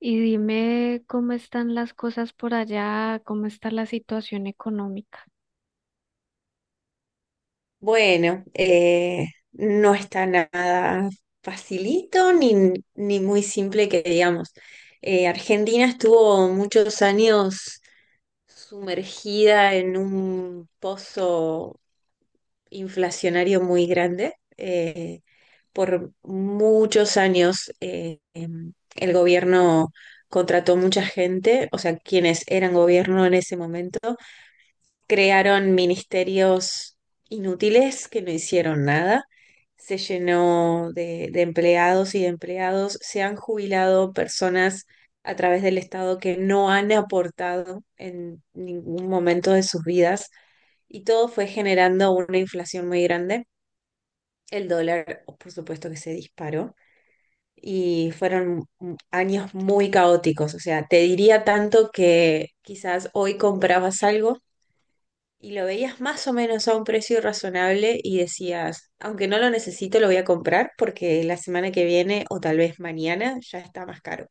Y dime cómo están las cosas por allá, cómo está la situación económica. Bueno, no está nada facilito ni muy simple que digamos. Argentina estuvo muchos años sumergida en un pozo inflacionario muy grande. Por muchos años el gobierno contrató mucha gente, o sea, quienes eran gobierno en ese momento crearon ministerios inútiles que no hicieron nada, se llenó de empleados y de empleados, se han jubilado personas a través del Estado que no han aportado en ningún momento de sus vidas y todo fue generando una inflación muy grande. El dólar, por supuesto que se disparó y fueron años muy caóticos. O sea, te diría tanto que quizás hoy comprabas algo y lo veías más o menos a un precio razonable y decías, aunque no lo necesito, lo voy a comprar porque la semana que viene o tal vez mañana ya está más caro.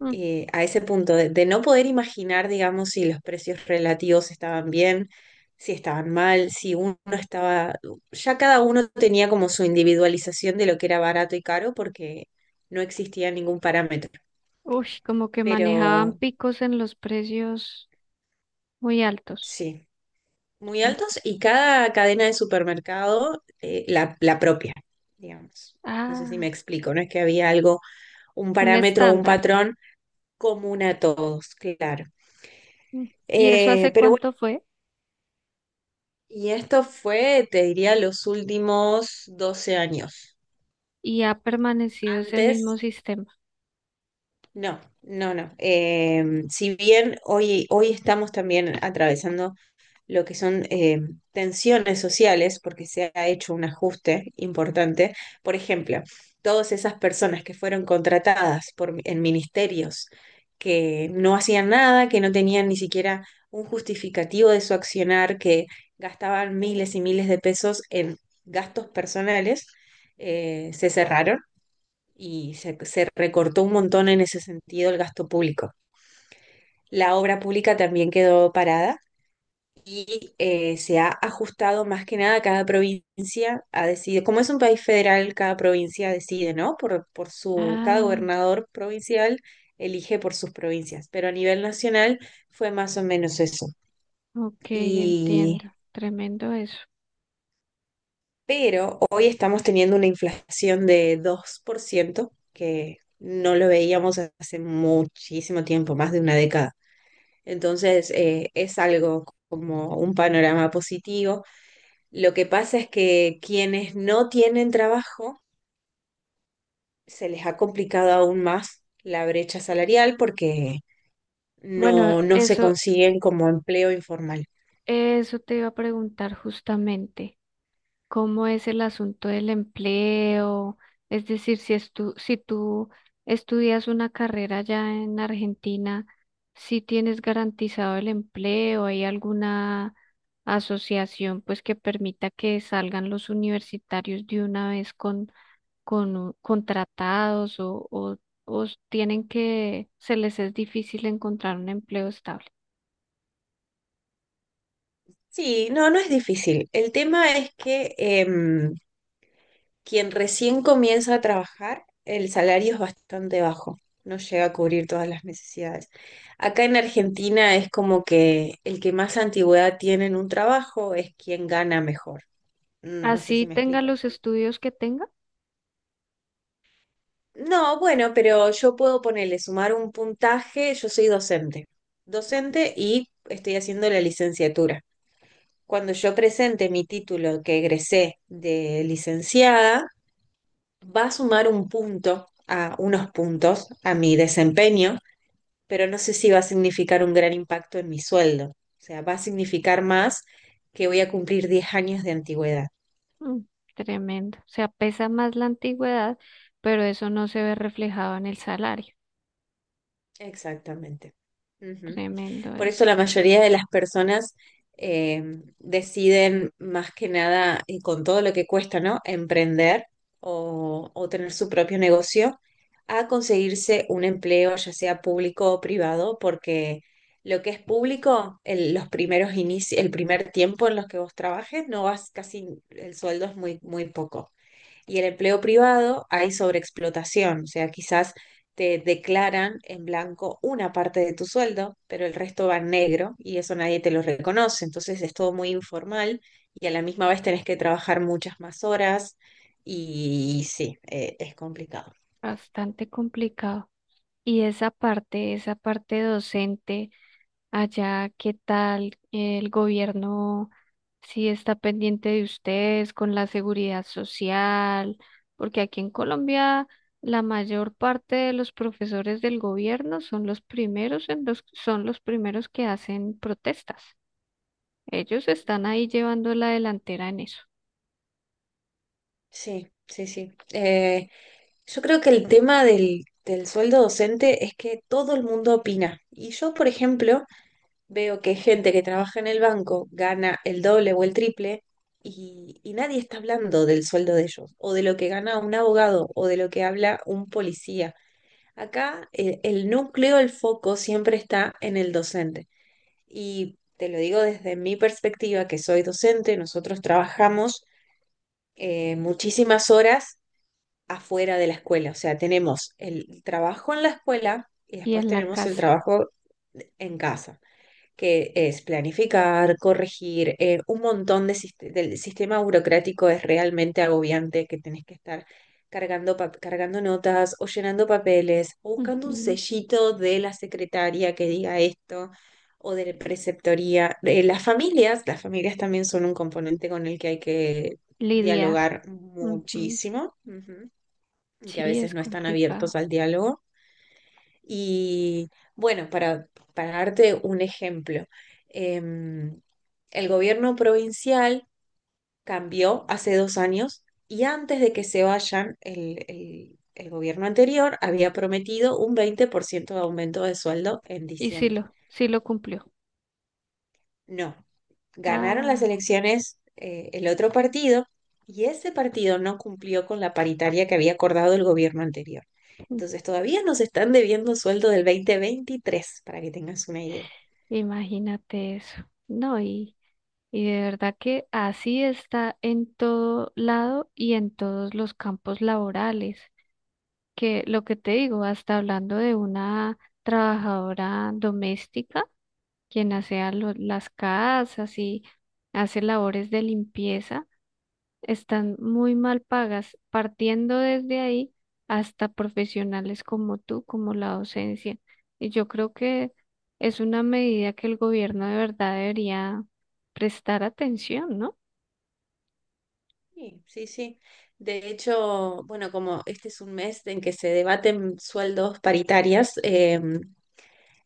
Mm. A ese punto de no poder imaginar, digamos, si los precios relativos estaban bien, si estaban mal, si uno estaba. Ya cada uno tenía como su individualización de lo que era barato y caro porque no existía ningún parámetro. Uy, como que Pero manejaban picos en los precios muy altos. sí, muy Me- altos y cada cadena de supermercado la propia, digamos. No sé si me Ah, explico, no es que había algo, un un parámetro o un estándar. patrón común a todos, claro. Mm. ¿Y eso hace Pero bueno, cuánto fue? y esto fue, te diría, los últimos 12 años. ¿Y ha permanecido ese mismo Antes, sistema? no, no, no. Si bien hoy, hoy estamos también atravesando lo que son tensiones sociales, porque se ha hecho un ajuste importante. Por ejemplo, todas esas personas que fueron contratadas por, en ministerios que no hacían nada, que no tenían ni siquiera un justificativo de su accionar, que gastaban miles y miles de pesos en gastos personales, se cerraron y se recortó un montón en ese sentido el gasto público. La obra pública también quedó parada y se ha ajustado más que nada, cada provincia ha decidido, como es un país federal, cada provincia decide, ¿no? Cada Ah, gobernador provincial elige por sus provincias, pero a nivel nacional fue más o menos eso. ok, Y entiendo. Tremendo eso. pero hoy estamos teniendo una inflación de 2% que no lo veíamos hace muchísimo tiempo, más de una década. Entonces, es algo como un panorama positivo. Lo que pasa es que quienes no tienen trabajo se les ha complicado aún más la brecha salarial porque Bueno, no se eso, consiguen como empleo informal. eso te iba a preguntar justamente. ¿Cómo es el asunto del empleo? Es decir, si tú estudias una carrera ya en Argentina, si tienes garantizado el empleo, ¿hay alguna asociación pues que permita que salgan los universitarios de una vez con, contratados, o tienen que, se les es difícil encontrar un empleo estable? Sí, no, no es difícil. El tema es que quien recién comienza a trabajar, el salario es bastante bajo, no llega a cubrir todas las necesidades. Acá en Argentina es como que el que más antigüedad tiene en un trabajo es quien gana mejor. Mm, No sé Así si me tenga explico. los estudios que tenga. No, bueno, pero yo puedo ponerle, sumar un puntaje, yo soy docente, docente y estoy haciendo la licenciatura. Cuando yo presente mi título que egresé de licenciada, va a sumar un punto a unos puntos a mi desempeño, pero no sé si va a significar un gran impacto en mi sueldo. O sea, va a significar más que voy a cumplir 10 años de antigüedad. Mm. Tremendo. O sea, pesa más la antigüedad, pero eso no se ve reflejado en el salario. Exactamente. Ujú. Tremendo Por eso eso. la mayoría de las personas eh, deciden más que nada, y con todo lo que cuesta, ¿no? Emprender o tener su propio negocio, a conseguirse un empleo, ya sea público o privado, porque lo que es público, el, los primeros inicios, el primer tiempo en los que vos trabajes, no vas casi, el sueldo es muy, muy poco. Y el empleo privado hay sobreexplotación, o sea, quizás te declaran en blanco una parte de tu sueldo, pero el resto va en negro y eso nadie te lo reconoce. Entonces es todo muy informal y a la misma vez tenés que trabajar muchas más horas y sí, es complicado. Bastante complicado. Y esa parte docente, allá, ¿qué tal el gobierno? Si está pendiente de ustedes con la seguridad social, porque aquí en Colombia la mayor parte de los profesores del gobierno son los primeros en son los primeros que hacen protestas. Ellos están ahí llevando la delantera en eso. Sí, sí, sí. Yo creo que el tema del sueldo docente es que todo el mundo opina. Y yo, por ejemplo, veo que gente que trabaja en el banco gana el doble o el triple y nadie está hablando del sueldo de ellos, o de lo que gana un abogado, o de lo que habla un policía. Acá el núcleo, el foco siempre está en el docente. Y te lo digo desde mi perspectiva, que soy docente, nosotros trabajamos muchísimas horas afuera de la escuela. O sea, tenemos el trabajo en la escuela y Y después en la tenemos el casa. trabajo en casa, que es planificar, corregir, un montón de del sistema burocrático es realmente agobiante, que tenés que estar cargando, cargando notas o llenando papeles o buscando un Ujú. sellito de la secretaria que diga esto o de la preceptoría. Las familias, las familias también son un componente con el que hay que Lidiar. dialogar Ujú. muchísimo. Ujú, que a Sí, veces es no están abiertos complicado. al diálogo. Y bueno, para darte un ejemplo, em, el gobierno provincial cambió hace 2 años y antes de que se vayan, el, el gobierno anterior había prometido un 20% de aumento de sueldo en Y sí diciembre. lo, sí lo cumplió. No, ganaron las Ah. elecciones el otro partido y ese partido no cumplió con la paritaria que había acordado el gobierno anterior. Mm. Entonces todavía nos están debiendo sueldo del 2023, para que tengas una idea. Imagínate eso. No, y de verdad que así está en todo lado y en todos los campos laborales. Que lo que te digo, hasta hablando de una trabajadora doméstica. Quien asea las casas y hace labores de limpieza, están muy mal pagas, partiendo desde ahí hasta profesionales como tú, como la docencia. Y yo creo que es una medida que el gobierno de verdad debería prestar atención, ¿no? Sí, sí, sí. De hecho, bueno, como este es un mes en que se debaten sueldos paritarias,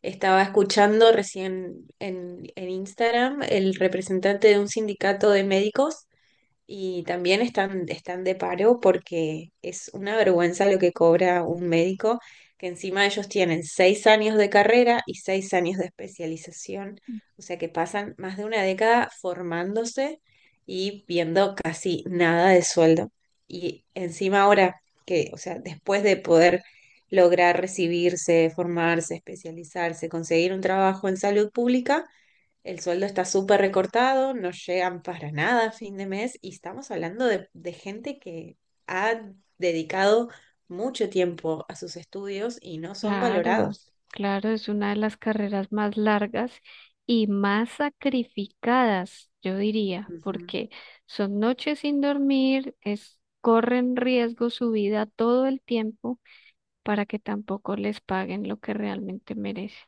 estaba escuchando recién en Instagram el representante de un sindicato de médicos. Y también están, están de paro porque es una vergüenza lo que cobra un médico, que encima ellos tienen 6 años de carrera y 6 años de especialización, o sea que pasan más de una década formándose y viendo casi nada de sueldo. Y encima ahora que, o sea, después de poder lograr recibirse, formarse, especializarse, conseguir un trabajo en salud pública, el sueldo está súper recortado, no llegan para nada a fin de mes y estamos hablando de gente que ha dedicado mucho tiempo a sus estudios y no son Claro, valorados. claro, es una de las carreras más largas y más sacrificadas, yo diría, Ujú. porque son noches sin dormir, es, corren riesgo su vida todo el tiempo para que tampoco les paguen lo que realmente merecen.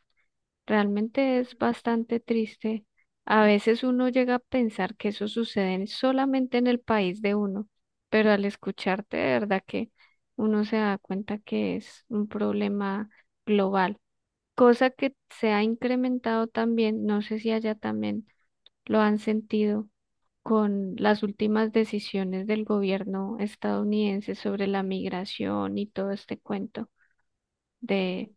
Realmente es bastante triste. A veces uno llega a pensar que eso sucede solamente en el país de uno, pero al escucharte, de verdad que uno se da cuenta que es un problema global, cosa que se ha incrementado también, no sé si allá también lo han sentido con las últimas decisiones del gobierno estadounidense sobre la migración y todo este cuento de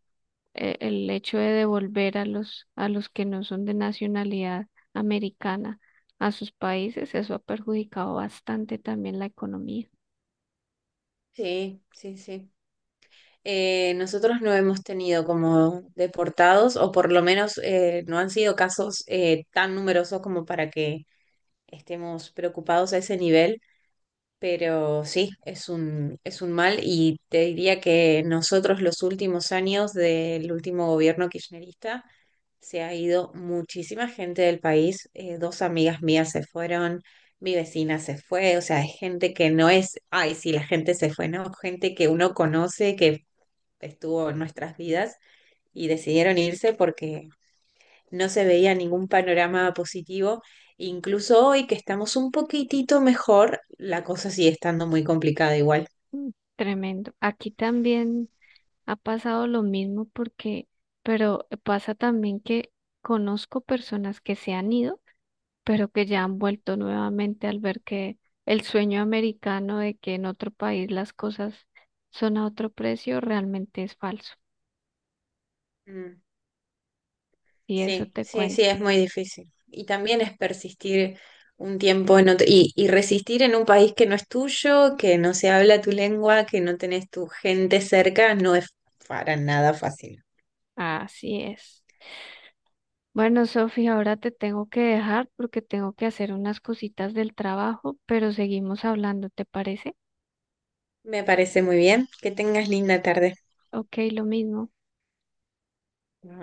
el hecho de devolver a los que no son de nacionalidad americana a sus países. Eso ha perjudicado bastante también la economía. Sí, sí, sí. Nosotros no hemos tenido como deportados o por lo menos no han sido casos tan numerosos como para que estemos preocupados a ese nivel. Pero sí, es un mal y te diría que nosotros los últimos años del último gobierno kirchnerista se ha ido muchísima gente del país. Eh, dos amigas mías se fueron, mi vecina se fue, o sea, es gente que no es, ay, sí, la gente se fue, no, gente que uno conoce, que estuvo en nuestras vidas y decidieron irse porque no se veía ningún panorama positivo. Incluso hoy que estamos un poquitito mejor, la cosa sigue estando muy complicada igual. Mm. Tremendo. Aquí también ha pasado lo mismo, porque, pero pasa también que conozco personas que se han ido, pero que ya han vuelto nuevamente al ver que el sueño americano de que en otro país las cosas son a otro precio realmente es falso. Mm, Y eso Sí, te sí, sí, cuento. es muy difícil. Y también es persistir un tiempo en otro y resistir en un país que no es tuyo, que no se habla tu lengua, que no tenés tu gente cerca, no es para nada fácil. Así es. Bueno, Sofía, ahora te tengo que dejar porque tengo que hacer unas cositas del trabajo, pero seguimos hablando, ¿te parece? Me parece muy bien. Que tengas linda tarde. Ok, lo mismo.